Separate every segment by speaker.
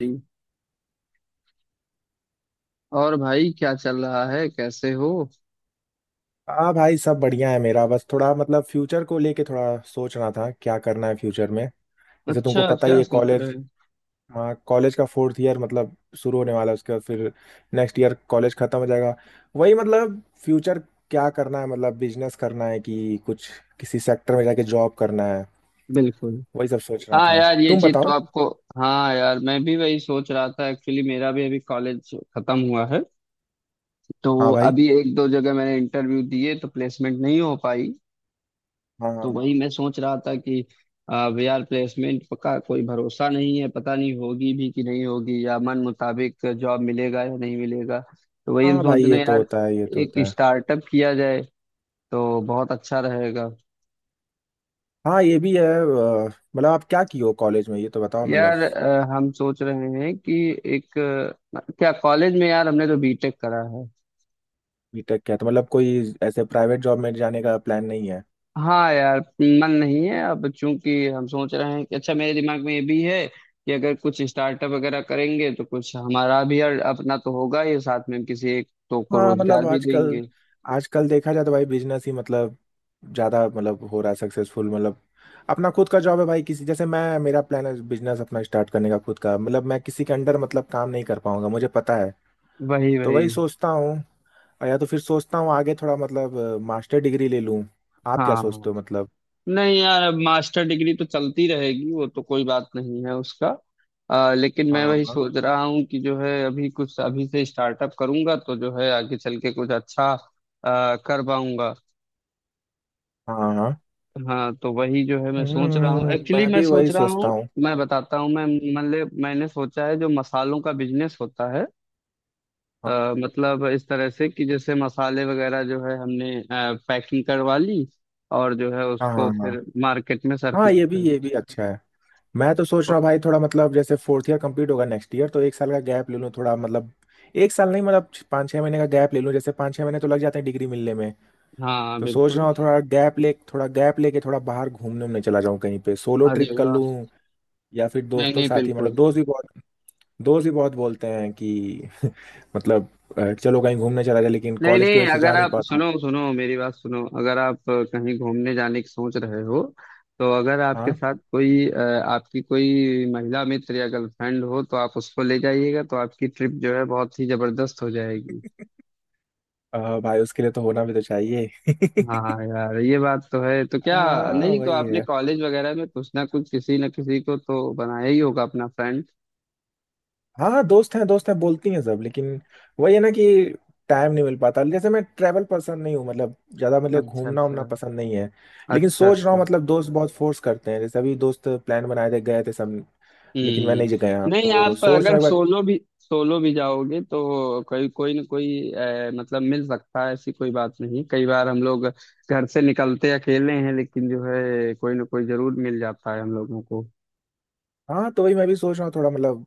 Speaker 1: जी। और भाई क्या चल रहा है, कैसे हो?
Speaker 2: हाँ भाई, सब बढ़िया है। मेरा बस थोड़ा मतलब फ्यूचर को लेके थोड़ा सोच रहा था क्या करना है फ्यूचर में। जैसे तुमको
Speaker 1: अच्छा,
Speaker 2: पता ही
Speaker 1: क्या
Speaker 2: है
Speaker 1: सोच रहे
Speaker 2: कॉलेज।
Speaker 1: हैं?
Speaker 2: हाँ कॉलेज का फोर्थ ईयर मतलब शुरू होने वाला है, उसके बाद फिर नेक्स्ट ईयर कॉलेज खत्म हो जाएगा। वही मतलब फ्यूचर, क्या करना है। मतलब बिजनेस करना है कि कुछ किसी सेक्टर में जाके जॉब करना है।
Speaker 1: बिल्कुल।
Speaker 2: वही सब सोच रहा
Speaker 1: हाँ
Speaker 2: था।
Speaker 1: यार, ये
Speaker 2: तुम
Speaker 1: चीज तो
Speaker 2: बताओ।
Speaker 1: आपको। हाँ यार, मैं भी वही सोच रहा था। एक्चुअली मेरा भी अभी कॉलेज खत्म हुआ है। तो
Speaker 2: हाँ भाई।
Speaker 1: अभी एक दो जगह मैंने इंटरव्यू दिए, तो प्लेसमेंट नहीं हो पाई।
Speaker 2: हाँ, हाँ,
Speaker 1: तो वही
Speaker 2: हाँ।
Speaker 1: मैं सोच रहा था कि अब यार प्लेसमेंट का कोई भरोसा नहीं है, पता नहीं होगी भी कि नहीं होगी, या मन मुताबिक जॉब मिलेगा या नहीं मिलेगा। तो वही हम
Speaker 2: हाँ भाई
Speaker 1: सोच
Speaker 2: ये
Speaker 1: रहे हैं
Speaker 2: तो
Speaker 1: यार।
Speaker 2: होता है, ये तो
Speaker 1: एक
Speaker 2: होता है।
Speaker 1: स्टार्टअप किया जाए तो बहुत अच्छा रहेगा।
Speaker 2: हाँ ये भी है। मतलब आप क्या किए हो कॉलेज में, ये तो बताओ मतलब।
Speaker 1: यार हम सोच रहे हैं कि एक क्या कॉलेज में यार, हमने तो बीटेक करा है।
Speaker 2: बीटेक? क्या तो मतलब कोई ऐसे प्राइवेट जॉब में जाने का प्लान नहीं है?
Speaker 1: हाँ यार, मन नहीं है। अब चूंकि हम सोच रहे हैं कि अच्छा, मेरे दिमाग में ये भी है कि अगर कुछ स्टार्टअप वगैरह करेंगे तो कुछ हमारा भी यार अपना तो होगा, ये साथ में हम किसी एक तो को
Speaker 2: हाँ मतलब
Speaker 1: रोजगार भी
Speaker 2: आजकल,
Speaker 1: देंगे।
Speaker 2: आजकल देखा जाए तो भाई बिजनेस ही मतलब ज्यादा मतलब हो रहा है सक्सेसफुल। मतलब अपना खुद का जॉब है भाई। किसी जैसे मैं, मेरा प्लान है बिजनेस अपना स्टार्ट करने का, खुद का। मतलब मैं किसी के अंडर मतलब काम नहीं कर पाऊंगा, मुझे पता है।
Speaker 1: वही
Speaker 2: तो
Speaker 1: वही।
Speaker 2: वही सोचता हूँ। और या तो फिर सोचता हूँ आगे थोड़ा मतलब मास्टर डिग्री ले लूँ। आप क्या
Speaker 1: हाँ।
Speaker 2: सोचते हो मतलब?
Speaker 1: नहीं यार, अब मास्टर डिग्री तो चलती रहेगी, वो तो कोई बात नहीं है उसका। लेकिन
Speaker 2: हाँ,
Speaker 1: मैं वही
Speaker 2: हाँ,
Speaker 1: सोच रहा हूँ कि जो है अभी कुछ अभी से स्टार्टअप करूंगा तो जो है आगे चल के कुछ अच्छा कर पाऊंगा।
Speaker 2: हाँ, हाँ।
Speaker 1: हाँ तो वही जो है मैं सोच रहा हूँ।
Speaker 2: हम्म,
Speaker 1: एक्चुअली
Speaker 2: मैं
Speaker 1: मैं
Speaker 2: भी
Speaker 1: सोच
Speaker 2: वही
Speaker 1: रहा हूँ,
Speaker 2: सोचता हूँ।
Speaker 1: मैं बताता हूँ। मैं मतलब मैंने सोचा है जो मसालों का बिजनेस होता है,
Speaker 2: हाँ
Speaker 1: मतलब इस तरह से कि जैसे मसाले वगैरह जो है हमने पैकिंग करवा ली और जो है
Speaker 2: हाँ,
Speaker 1: उसको
Speaker 2: हाँ, हाँ।
Speaker 1: फिर मार्केट में
Speaker 2: हाँ,
Speaker 1: सर्कुलेट
Speaker 2: ये भी अच्छा है। मैं तो सोच
Speaker 1: कर।
Speaker 2: रहा हूँ भाई, थोड़ा मतलब जैसे फोर्थ ईयर कंप्लीट होगा नेक्स्ट ईयर तो एक साल का गैप ले लूँ थोड़ा मतलब। एक साल नहीं, मतलब 5-6 महीने का गैप ले लूँ। जैसे 5-6 महीने तो लग जाते हैं डिग्री मिलने में।
Speaker 1: हाँ
Speaker 2: तो सोच रहा
Speaker 1: बिल्कुल।
Speaker 2: हूँ थोड़ा गैप ले, थोड़ा गैप लेके थोड़ा बाहर घूमने उमने चला जाऊँ कहीं पे, सोलो ट्रिप
Speaker 1: अरे
Speaker 2: कर
Speaker 1: वाह।
Speaker 2: लूँ। या फिर
Speaker 1: नहीं
Speaker 2: दोस्तों के
Speaker 1: नहीं
Speaker 2: साथ ही। मतलब
Speaker 1: बिल्कुल।
Speaker 2: दोस्त भी बहुत, दोस्त भी बहुत बोलते हैं कि मतलब चलो कहीं घूमने चला जाए, लेकिन
Speaker 1: नहीं
Speaker 2: कॉलेज की
Speaker 1: नहीं,
Speaker 2: वजह से जा
Speaker 1: अगर
Speaker 2: नहीं
Speaker 1: आप
Speaker 2: पाता हूँ।
Speaker 1: सुनो सुनो मेरी बात सुनो, अगर आप कहीं घूमने जाने की सोच रहे हो, तो अगर आपके
Speaker 2: हाँ
Speaker 1: साथ कोई आपकी कोई महिला मित्र या गर्लफ्रेंड हो तो आप उसको ले जाइएगा, तो आपकी ट्रिप जो है बहुत ही जबरदस्त हो जाएगी।
Speaker 2: भाई उसके लिए तो होना भी तो चाहिए।
Speaker 1: हाँ यार ये बात तो है, तो क्या।
Speaker 2: हाँ
Speaker 1: नहीं तो
Speaker 2: वही।
Speaker 1: आपने कॉलेज वगैरह में कुछ ना कुछ किसी ना किसी को तो बनाया ही होगा अपना फ्रेंड।
Speaker 2: हाँ हाँ, दोस्त हैं बोलती हैं सब, लेकिन वही है ना कि टाइम नहीं मिल पाता। जैसे मैं ट्रैवल पर्सन नहीं हूँ मतलब, ज्यादा मतलब
Speaker 1: अच्छा
Speaker 2: घूमना उमना
Speaker 1: अच्छा।
Speaker 2: पसंद नहीं है। लेकिन
Speaker 1: अच्छा
Speaker 2: सोच रहा
Speaker 1: अच्छा।
Speaker 2: हूँ, मतलब दोस्त बहुत फोर्स करते हैं। जैसे अभी दोस्त प्लान बनाए थे, गए थे सब, लेकिन मैं नहीं गया,
Speaker 1: हम्म, नहीं,
Speaker 2: तो
Speaker 1: आप
Speaker 2: सोच रहा
Speaker 1: अगर
Speaker 2: हूँ एक बार।
Speaker 1: सोलो भी, सोलो भी जाओगे तो कोई कोई ना कोई मतलब मिल सकता है, ऐसी कोई बात नहीं। कई बार हम लोग घर से निकलते अकेले हैं, लेकिन जो है कोई ना कोई जरूर मिल जाता है हम लोगों को।
Speaker 2: हाँ तो वही मैं भी सोच रहा हूँ थोड़ा मतलब।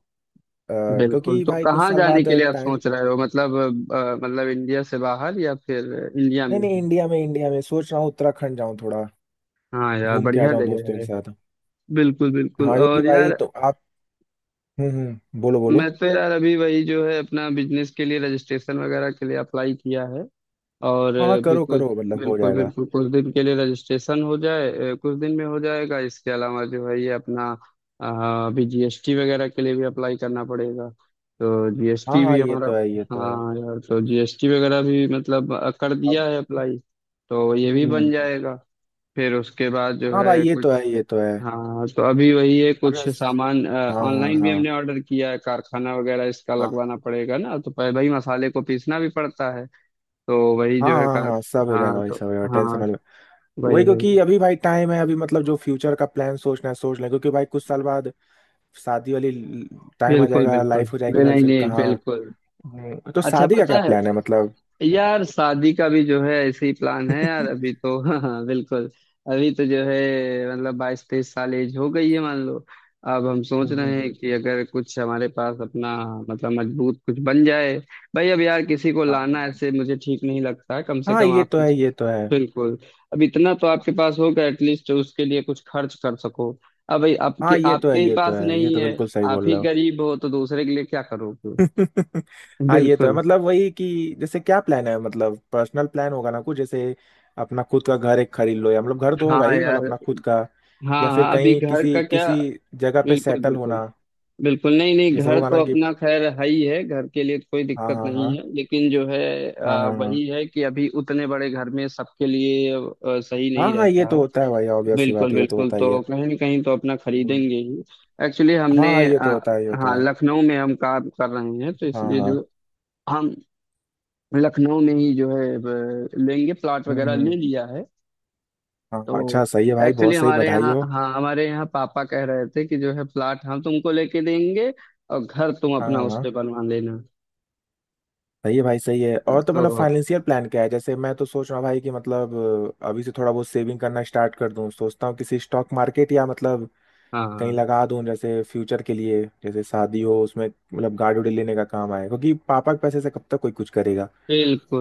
Speaker 2: अ,
Speaker 1: बिल्कुल,
Speaker 2: क्योंकि
Speaker 1: तो
Speaker 2: भाई कुछ
Speaker 1: कहाँ
Speaker 2: साल
Speaker 1: जाने
Speaker 2: बाद
Speaker 1: के लिए आप
Speaker 2: टाइम।
Speaker 1: सोच रहे हो, मतलब इंडिया से बाहर या फिर इंडिया में
Speaker 2: नहीं नहीं
Speaker 1: ही?
Speaker 2: इंडिया में, इंडिया में सोच रहा हूँ। उत्तराखंड जाऊँ थोड़ा,
Speaker 1: हाँ यार
Speaker 2: घूम के आ
Speaker 1: बढ़िया
Speaker 2: जाऊँ
Speaker 1: जगह
Speaker 2: दोस्तों के
Speaker 1: है।
Speaker 2: साथ।
Speaker 1: बिल्कुल बिल्कुल।
Speaker 2: हाँ क्योंकि
Speaker 1: और
Speaker 2: भाई
Speaker 1: यार,
Speaker 2: तो आप। हम्म, बोलो बोलो।
Speaker 1: मैं तो यार अभी वही जो है अपना बिजनेस के लिए रजिस्ट्रेशन वगैरह के लिए अप्लाई किया है, और
Speaker 2: हाँ करो
Speaker 1: बिल्कुल
Speaker 2: करो, मतलब हो
Speaker 1: बिल्कुल।
Speaker 2: जाएगा।
Speaker 1: बिल्कुल कुछ दिन के लिए रजिस्ट्रेशन हो जाए, कुछ दिन में हो जाएगा। इसके अलावा जो है ये अपना अभी जीएसटी वगैरह के लिए भी अप्लाई करना पड़ेगा। तो
Speaker 2: हाँ
Speaker 1: जीएसटी
Speaker 2: हाँ
Speaker 1: भी
Speaker 2: ये
Speaker 1: हमारा,
Speaker 2: तो है, ये तो है।
Speaker 1: हाँ यार, तो जीएसटी वगैरह भी मतलब कर दिया
Speaker 2: अब।
Speaker 1: है अप्लाई। तो ये भी बन
Speaker 2: हम्म।
Speaker 1: जाएगा। फिर उसके बाद जो
Speaker 2: हाँ भाई
Speaker 1: है
Speaker 2: ये तो
Speaker 1: कुछ,
Speaker 2: है, ये तो है।
Speaker 1: हाँ, तो अभी वही है।
Speaker 2: अब
Speaker 1: कुछ सामान
Speaker 2: हाँ, हाँ,
Speaker 1: ऑनलाइन भी
Speaker 2: हाँ।
Speaker 1: हमने ऑर्डर किया है, कारखाना वगैरह इसका
Speaker 2: हाँ।
Speaker 1: लगवाना पड़ेगा ना, तो पहले भाई मसाले को पीसना भी पड़ता है। तो वही
Speaker 2: हाँ,
Speaker 1: जो है
Speaker 2: हाँ,
Speaker 1: का,
Speaker 2: हाँ, सब हो जाएगा
Speaker 1: हाँ
Speaker 2: भाई,
Speaker 1: तो
Speaker 2: सब हो जाएगा, टेंशन
Speaker 1: हाँ
Speaker 2: वाले।
Speaker 1: वही
Speaker 2: वही,
Speaker 1: वही।
Speaker 2: क्योंकि अभी भाई टाइम है। अभी मतलब जो फ्यूचर का प्लान सोचना है सोच लें, क्योंकि भाई कुछ साल बाद शादी वाली टाइम आ
Speaker 1: बिल्कुल
Speaker 2: जाएगा,
Speaker 1: बिल्कुल।
Speaker 2: लाइफ हो जाएगी
Speaker 1: नहीं
Speaker 2: भाई
Speaker 1: नहीं
Speaker 2: फिर
Speaker 1: नहीं,
Speaker 2: कहाँ।
Speaker 1: बिल्कुल।
Speaker 2: तो
Speaker 1: अच्छा
Speaker 2: शादी का क्या
Speaker 1: पता है
Speaker 2: प्लान है मतलब?
Speaker 1: यार, शादी का भी जो है ऐसे ही प्लान है यार, अभी तो हाँ हाँ बिल्कुल। अभी तो जो है मतलब बाईस तेईस साल एज हो गई है मान लो। अब हम सोच
Speaker 2: हम्म,
Speaker 1: रहे हैं
Speaker 2: हम्म।
Speaker 1: कि अगर कुछ हमारे पास अपना मतलब मजबूत कुछ बन जाए। भाई अब यार किसी को
Speaker 2: हाँ, हाँ,
Speaker 1: लाना
Speaker 2: हाँ।
Speaker 1: ऐसे मुझे ठीक नहीं लगता है, कम से
Speaker 2: हाँ
Speaker 1: कम
Speaker 2: ये
Speaker 1: आप
Speaker 2: तो है, ये तो है।
Speaker 1: बिल्कुल। अब इतना तो आपके
Speaker 2: हाँ
Speaker 1: पास होगा एटलीस्ट, उसके लिए कुछ खर्च कर सको। अब भाई आपके
Speaker 2: हाँ, ये तो
Speaker 1: आपके
Speaker 2: है
Speaker 1: ही
Speaker 2: ये तो
Speaker 1: पास
Speaker 2: है, ये
Speaker 1: नहीं
Speaker 2: तो
Speaker 1: है,
Speaker 2: बिल्कुल सही
Speaker 1: आप
Speaker 2: बोल
Speaker 1: ही
Speaker 2: रहे हो।
Speaker 1: गरीब हो तो दूसरे के लिए क्या करोगे।
Speaker 2: हाँ ये तो है,
Speaker 1: बिल्कुल।
Speaker 2: मतलब वही कि जैसे क्या प्लान है मतलब, पर्सनल प्लान होगा ना कुछ, जैसे अपना खुद का घर एक खरीद लो। या मतलब घर तो होगा
Speaker 1: हाँ
Speaker 2: ही
Speaker 1: यार।
Speaker 2: मतलब अपना खुद का, या
Speaker 1: हाँ
Speaker 2: फिर
Speaker 1: हाँ, अभी
Speaker 2: कहीं
Speaker 1: घर का
Speaker 2: किसी
Speaker 1: क्या।
Speaker 2: किसी जगह पे
Speaker 1: बिल्कुल
Speaker 2: सेटल
Speaker 1: बिल्कुल।
Speaker 2: होना।
Speaker 1: बिल्कुल नहीं नहीं,
Speaker 2: जैसे
Speaker 1: घर
Speaker 2: होगा
Speaker 1: तो
Speaker 2: ना कि
Speaker 1: अपना खैर है ही है, घर के लिए कोई
Speaker 2: हाँ,
Speaker 1: दिक्कत
Speaker 2: हाँ,
Speaker 1: नहीं
Speaker 2: हाँ।
Speaker 1: है, लेकिन जो है
Speaker 2: हाँ, हाँ, हाँ।
Speaker 1: वही है कि अभी उतने बड़े घर में सबके लिए सही
Speaker 2: हाँ
Speaker 1: नहीं
Speaker 2: हाँ ये
Speaker 1: रहता
Speaker 2: तो
Speaker 1: है।
Speaker 2: होता है भाई, ऑब्वियस सी बात
Speaker 1: बिल्कुल
Speaker 2: है, ये तो
Speaker 1: बिल्कुल,
Speaker 2: होता ही
Speaker 1: तो
Speaker 2: है।
Speaker 1: कहीं ना कहीं तो अपना
Speaker 2: हम्म,
Speaker 1: खरीदेंगे ही। एक्चुअली
Speaker 2: हाँ
Speaker 1: हमने
Speaker 2: हाँ, ये तो होता है, ये होता
Speaker 1: हाँ,
Speaker 2: है।
Speaker 1: लखनऊ में हम काम कर रहे हैं तो
Speaker 2: हाँ,
Speaker 1: इसलिए
Speaker 2: हाँ।
Speaker 1: जो हम लखनऊ में ही जो है लेंगे, प्लॉट
Speaker 2: हम्म,
Speaker 1: वगैरह
Speaker 2: हम्म,
Speaker 1: ले
Speaker 2: हम्म।
Speaker 1: लिया है।
Speaker 2: हाँ हाँ,
Speaker 1: तो
Speaker 2: अच्छा सही है भाई,
Speaker 1: एक्चुअली
Speaker 2: बहुत सही,
Speaker 1: हमारे
Speaker 2: बधाई
Speaker 1: यहाँ,
Speaker 2: हो।
Speaker 1: हाँ, हमारे यहाँ पापा कह रहे थे कि जो है प्लॉट हम तुमको लेके देंगे, और घर तुम
Speaker 2: हाँ,
Speaker 1: अपना
Speaker 2: हाँ,
Speaker 1: उस
Speaker 2: हाँ।
Speaker 1: पे बनवा लेना।
Speaker 2: सही है भाई, सही है। और तो मतलब
Speaker 1: तो
Speaker 2: फाइनेंशियल प्लान क्या है? जैसे मैं तो सोच रहा हूँ भाई कि मतलब अभी से थोड़ा बहुत सेविंग करना स्टार्ट कर दूं। सोचता हूँ किसी स्टॉक मार्केट या मतलब कहीं
Speaker 1: हाँ
Speaker 2: लगा दूं, जैसे फ्यूचर के लिए। जैसे शादी हो उसमें मतलब, गाड़ी उड़ी लेने का काम आए, क्योंकि पापा के पैसे से कब तक कोई कुछ करेगा।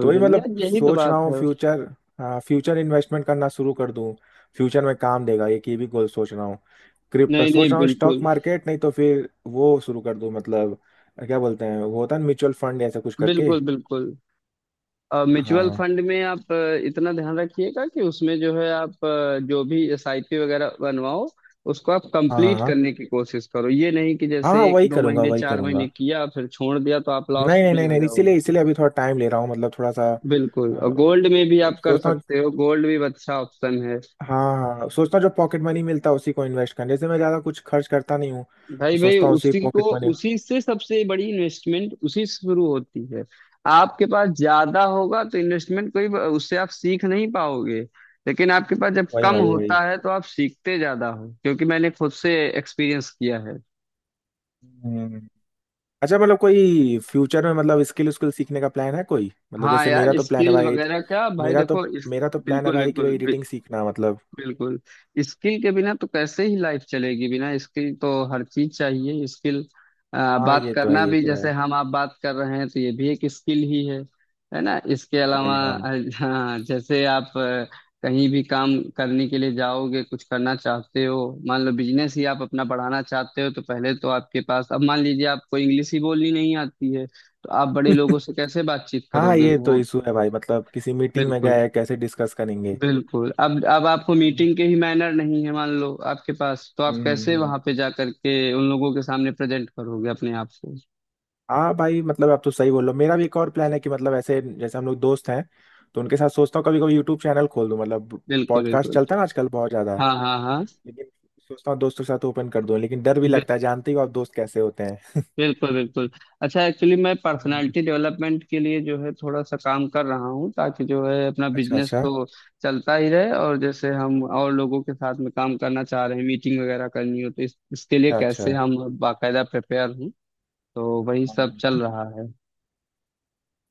Speaker 2: तो वही
Speaker 1: बिल्कुल
Speaker 2: मतलब
Speaker 1: यार, यही तो
Speaker 2: सोच रहा
Speaker 1: बात
Speaker 2: हूँ
Speaker 1: है।
Speaker 2: फ्यूचर। हाँ फ्यूचर इन्वेस्टमेंट करना शुरू कर दूं, फ्यूचर में काम देगा, एक ये की भी गोल सोच रहा हूँ।
Speaker 1: नहीं
Speaker 2: सोच
Speaker 1: नहीं
Speaker 2: रहा हूँ स्टॉक
Speaker 1: बिल्कुल।
Speaker 2: मार्केट नहीं तो फिर वो शुरू कर दूं मतलब। क्या बोलते हैं वो होता है म्यूचुअल फंड, ऐसा कुछ करके।
Speaker 1: बिल्कुल बिल्कुल। म्यूचुअल
Speaker 2: हाँ,
Speaker 1: फंड में आप इतना ध्यान रखिएगा कि उसमें जो है आप जो भी एसआईपी वगैरह बनवाओ, उसको आप
Speaker 2: हाँ।
Speaker 1: कंप्लीट
Speaker 2: हाँ,
Speaker 1: करने की कोशिश करो। ये नहीं कि
Speaker 2: हाँ,
Speaker 1: जैसे एक
Speaker 2: वही
Speaker 1: दो
Speaker 2: करूंगा,
Speaker 1: महीने,
Speaker 2: वही
Speaker 1: चार
Speaker 2: करूंगा।
Speaker 1: महीने किया फिर छोड़ दिया, तो आप लॉस
Speaker 2: नहीं नहीं
Speaker 1: में
Speaker 2: नहीं
Speaker 1: आ
Speaker 2: नहीं, इसीलिए
Speaker 1: जाओगे।
Speaker 2: इसीलिए अभी थोड़ा टाइम ले रहा हूँ, मतलब थोड़ा सा।
Speaker 1: बिल्कुल, और गोल्ड में भी आप कर
Speaker 2: सोचता हूँ।
Speaker 1: सकते हो, गोल्ड भी एक अच्छा ऑप्शन है।
Speaker 2: हाँ। हाँ, सोचता हूँ जो पॉकेट मनी मिलता है उसी को इन्वेस्ट करने। जैसे मैं ज़्यादा कुछ खर्च करता नहीं हूँ,
Speaker 1: भाई
Speaker 2: तो
Speaker 1: भाई
Speaker 2: सोचता हूँ उसी
Speaker 1: उसी को,
Speaker 2: पॉकेट मनी।
Speaker 1: उसी से सबसे बड़ी इन्वेस्टमेंट उसी से शुरू होती है। आपके पास ज्यादा होगा तो इन्वेस्टमेंट कोई, उससे आप सीख नहीं पाओगे। लेकिन आपके पास जब
Speaker 2: वही,
Speaker 1: कम
Speaker 2: वही, वही।
Speaker 1: होता है तो आप सीखते ज्यादा हो, क्योंकि मैंने खुद से एक्सपीरियंस किया है।
Speaker 2: हम्म। अच्छा मतलब कोई फ्यूचर में मतलब स्किल स्किल सीखने का प्लान है कोई? मतलब
Speaker 1: हाँ
Speaker 2: जैसे मेरा
Speaker 1: यार,
Speaker 2: तो प्लान है
Speaker 1: स्किल
Speaker 2: भाई।
Speaker 1: वगैरह का भाई
Speaker 2: मेरा तो
Speaker 1: देखो इस,
Speaker 2: मेरा तो प्लान है
Speaker 1: बिल्कुल
Speaker 2: भाई कि भाई
Speaker 1: बिल्कुल।
Speaker 2: एडिटिंग सीखना मतलब।
Speaker 1: बिल्कुल, स्किल के बिना तो कैसे ही लाइफ चलेगी, बिना स्किल तो, हर चीज चाहिए स्किल।
Speaker 2: हाँ
Speaker 1: बात
Speaker 2: ये तो है,
Speaker 1: करना
Speaker 2: ये
Speaker 1: भी,
Speaker 2: तो
Speaker 1: जैसे
Speaker 2: है।
Speaker 1: हम आप बात कर रहे हैं तो ये भी एक स्किल ही है ना। इसके
Speaker 2: हाँ भाई
Speaker 1: अलावा
Speaker 2: हाँ।
Speaker 1: हाँ, जैसे आप कहीं भी काम करने के लिए जाओगे, कुछ करना चाहते हो, मान लो बिजनेस ही आप अपना बढ़ाना चाहते हो, तो पहले तो आपके पास, अब मान लीजिए आपको इंग्लिश ही बोलनी नहीं आती है तो आप बड़े लोगों से कैसे बातचीत
Speaker 2: हाँ
Speaker 1: करोगे,
Speaker 2: ये
Speaker 1: तो
Speaker 2: तो
Speaker 1: वो
Speaker 2: इशू है भाई, मतलब किसी मीटिंग में
Speaker 1: बिल्कुल
Speaker 2: गए कैसे डिस्कस करेंगे।
Speaker 1: बिल्कुल। अब आपको
Speaker 2: हम्म।
Speaker 1: मीटिंग के ही मैनर नहीं है मान लो आपके पास, तो आप कैसे
Speaker 2: हम्म।
Speaker 1: वहां पे जा करके उन लोगों के सामने प्रेजेंट करोगे अपने आप को।
Speaker 2: हाँ भाई मतलब आप तो सही बोल रहे हो। मेरा भी एक और प्लान है कि मतलब ऐसे जैसे हम लोग दोस्त हैं तो उनके साथ सोचता हूँ, कभी कभी यूट्यूब चैनल खोल दूँ मतलब।
Speaker 1: बिल्कुल
Speaker 2: पॉडकास्ट चलता
Speaker 1: बिल्कुल
Speaker 2: है ना आजकल बहुत ज्यादा,
Speaker 1: हाँ हाँ हाँ।
Speaker 2: लेकिन सोचता हूँ दोस्तों के साथ ओपन कर दूँ, लेकिन डर भी
Speaker 1: बिल-
Speaker 2: लगता है, जानते ही हो आप दोस्त कैसे होते हैं।
Speaker 1: बिल्कुल बिल्कुल। अच्छा, एक्चुअली मैं
Speaker 2: हाँ।
Speaker 1: पर्सनालिटी डेवलपमेंट के लिए जो है थोड़ा सा काम कर रहा हूँ, ताकि जो है अपना
Speaker 2: अच्छा,
Speaker 1: बिजनेस
Speaker 2: अच्छा।
Speaker 1: तो चलता ही रहे, और जैसे हम और लोगों के साथ में काम करना चाह रहे हैं, मीटिंग वगैरह करनी हो, तो इसके लिए
Speaker 2: अच्छा।
Speaker 1: कैसे हम बाकायदा प्रिपेयर हूँ। तो वही
Speaker 2: हाँ,
Speaker 1: सब
Speaker 2: हाँ,
Speaker 1: चल रहा है।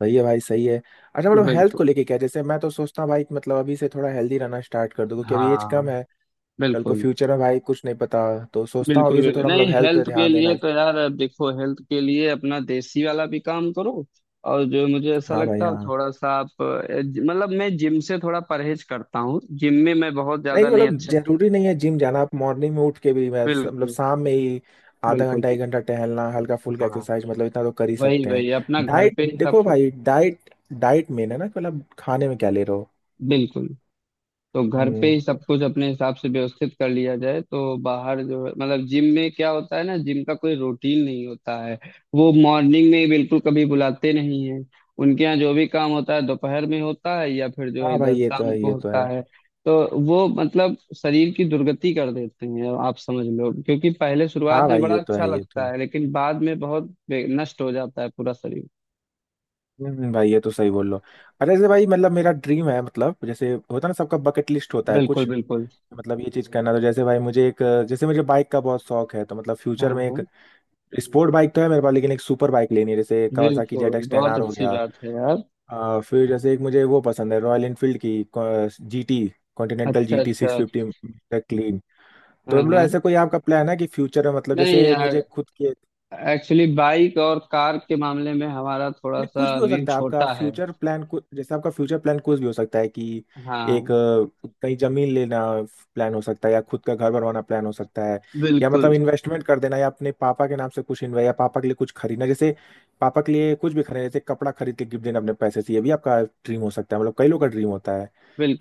Speaker 2: सही है भाई, सही है। अच्छा मतलब हेल्थ
Speaker 1: बिल्कुल।
Speaker 2: को लेके क्या? जैसे मैं तो सोचता हूँ भाई कि मतलब अभी से थोड़ा हेल्दी रहना स्टार्ट कर दूँ, क्योंकि अभी एज
Speaker 1: हाँ।
Speaker 2: कम है। कल को
Speaker 1: बिल्कुल
Speaker 2: फ्यूचर है भाई, कुछ नहीं पता। तो सोचता हूँ
Speaker 1: बिल्कुल।
Speaker 2: अभी से
Speaker 1: बिल्कुल
Speaker 2: थोड़ा
Speaker 1: नहीं,
Speaker 2: मतलब हेल्थ पे
Speaker 1: हेल्थ के
Speaker 2: ध्यान
Speaker 1: लिए
Speaker 2: देना।
Speaker 1: तो यार अब देखो, हेल्थ के लिए अपना देसी वाला भी काम करो, और जो मुझे ऐसा
Speaker 2: हाँ भाई,
Speaker 1: लगता है,
Speaker 2: हाँ।
Speaker 1: थोड़ा सा आप मतलब मैं जिम से थोड़ा परहेज करता हूँ, जिम में मैं बहुत
Speaker 2: नहीं
Speaker 1: ज्यादा नहीं।
Speaker 2: मतलब
Speaker 1: अच्छा
Speaker 2: जरूरी नहीं है जिम जाना। आप मॉर्निंग में उठ के भी, मैं मतलब
Speaker 1: बिल्कुल
Speaker 2: शाम में ही आधा
Speaker 1: बिल्कुल।
Speaker 2: घंटा एक
Speaker 1: बिल्कुल।
Speaker 2: घंटा टहलना, हल्का फुल्का
Speaker 1: हाँ
Speaker 2: एक्सरसाइज, मतलब इतना तो कर ही
Speaker 1: वही
Speaker 2: सकते हैं।
Speaker 1: वही, अपना घर
Speaker 2: डाइट
Speaker 1: पे ही सब
Speaker 2: देखो
Speaker 1: कुछ।
Speaker 2: भाई, डाइट। डाइट मेन है ना कि मतलब खाने में क्या ले रहे हो।
Speaker 1: बिल्कुल, तो घर पे
Speaker 2: हम्म।
Speaker 1: ही सब कुछ अपने हिसाब से व्यवस्थित कर लिया जाए, तो बाहर जो है मतलब जिम में क्या होता है ना, जिम का कोई रूटीन नहीं होता है। वो मॉर्निंग में ही बिल्कुल कभी बुलाते नहीं है, उनके यहाँ जो भी काम होता है दोपहर में होता है या फिर जो है
Speaker 2: हाँ भाई
Speaker 1: इधर
Speaker 2: ये तो
Speaker 1: शाम
Speaker 2: है,
Speaker 1: को
Speaker 2: ये तो
Speaker 1: होता
Speaker 2: है।
Speaker 1: है। तो वो मतलब शरीर की दुर्गति कर देते हैं, आप समझ लो, क्योंकि पहले
Speaker 2: हाँ
Speaker 1: शुरुआत में
Speaker 2: भाई
Speaker 1: बड़ा
Speaker 2: ये तो
Speaker 1: अच्छा
Speaker 2: है, ये तो
Speaker 1: लगता
Speaker 2: है।
Speaker 1: है, लेकिन बाद में बहुत नष्ट हो जाता है पूरा शरीर।
Speaker 2: भाई ये तो सही बोल लो। अरे जैसे भाई मतलब मेरा ड्रीम है, मतलब जैसे होता है ना सबका बकेट लिस्ट होता है
Speaker 1: बिल्कुल
Speaker 2: कुछ,
Speaker 1: बिल्कुल।
Speaker 2: मतलब ये चीज करना। तो जैसे भाई मुझे एक, जैसे मुझे बाइक का बहुत शौक है, तो मतलब
Speaker 1: हाँ
Speaker 2: फ्यूचर में
Speaker 1: हाँ।
Speaker 2: एक। स्पोर्ट बाइक तो है मेरे पास, लेकिन एक सुपर बाइक लेनी है, जैसे कावासाकी
Speaker 1: बिल्कुल
Speaker 2: जेड एक्स 10
Speaker 1: बहुत
Speaker 2: आर हो
Speaker 1: अच्छी
Speaker 2: गया।
Speaker 1: बात है यार।
Speaker 2: फिर जैसे एक मुझे वो पसंद है, रॉयल एनफील्ड की जीटी, कॉन्टिनेंटल
Speaker 1: अच्छा
Speaker 2: जीटी सिक्स
Speaker 1: अच्छा।
Speaker 2: Fifty clean. तो
Speaker 1: हाँ
Speaker 2: मतलब
Speaker 1: हाँ।
Speaker 2: ऐसा कोई आपका प्लान है कि फ्यूचर में, मतलब
Speaker 1: नहीं
Speaker 2: जैसे
Speaker 1: यार,
Speaker 2: मुझे खुद की।
Speaker 1: एक्चुअली बाइक और कार के मामले में हमारा थोड़ा
Speaker 2: नहीं, कुछ
Speaker 1: सा
Speaker 2: भी हो
Speaker 1: व्यू
Speaker 2: सकता है आपका
Speaker 1: छोटा है।
Speaker 2: Future plan. जैसे आपका फ्यूचर प्लान कुछ भी हो सकता है कि एक,
Speaker 1: हाँ।
Speaker 2: कहीं जमीन लेना प्लान हो सकता है, या खुद का घर बनवाना प्लान हो सकता है, या
Speaker 1: बिल्कुल।
Speaker 2: मतलब इन्वेस्टमेंट कर देना, या अपने पापा के नाम से कुछ इन्वेस्ट, या पापा के लिए कुछ खरीदना। जैसे पापा के लिए कुछ भी खरीदना, जैसे कपड़ा खरीद के गिफ्ट देना अपने पैसे से, ये भी आपका ड्रीम हो सकता है। मतलब कई लोग का ड्रीम होता है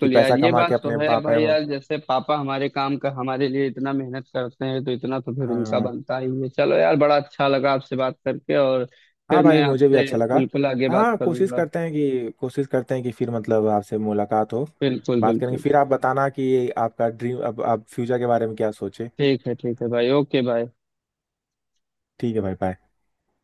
Speaker 2: कि
Speaker 1: यार
Speaker 2: पैसा
Speaker 1: ये
Speaker 2: कमा
Speaker 1: बात
Speaker 2: के
Speaker 1: तो
Speaker 2: अपने
Speaker 1: है
Speaker 2: पापा या
Speaker 1: भाई, यार जैसे पापा हमारे काम का हमारे लिए इतना मेहनत करते हैं तो इतना तो फिर उनका
Speaker 2: हाँ।
Speaker 1: बनता ही है। चलो यार, बड़ा अच्छा लगा आपसे बात करके, और फिर
Speaker 2: हाँ भाई,
Speaker 1: मैं
Speaker 2: मुझे भी
Speaker 1: आपसे
Speaker 2: अच्छा लगा।
Speaker 1: बिल्कुल आगे बात
Speaker 2: हाँ कोशिश
Speaker 1: करूंगा।
Speaker 2: करते हैं कि, कोशिश करते हैं कि फिर मतलब आपसे मुलाकात हो,
Speaker 1: बिल्कुल
Speaker 2: बात करेंगे।
Speaker 1: बिल्कुल।
Speaker 2: फिर आप बताना कि आपका ड्रीम, अब आप फ्यूचर के बारे में क्या सोचे।
Speaker 1: ठीक है भाई, ओके भाई।
Speaker 2: ठीक है भाई, बाय।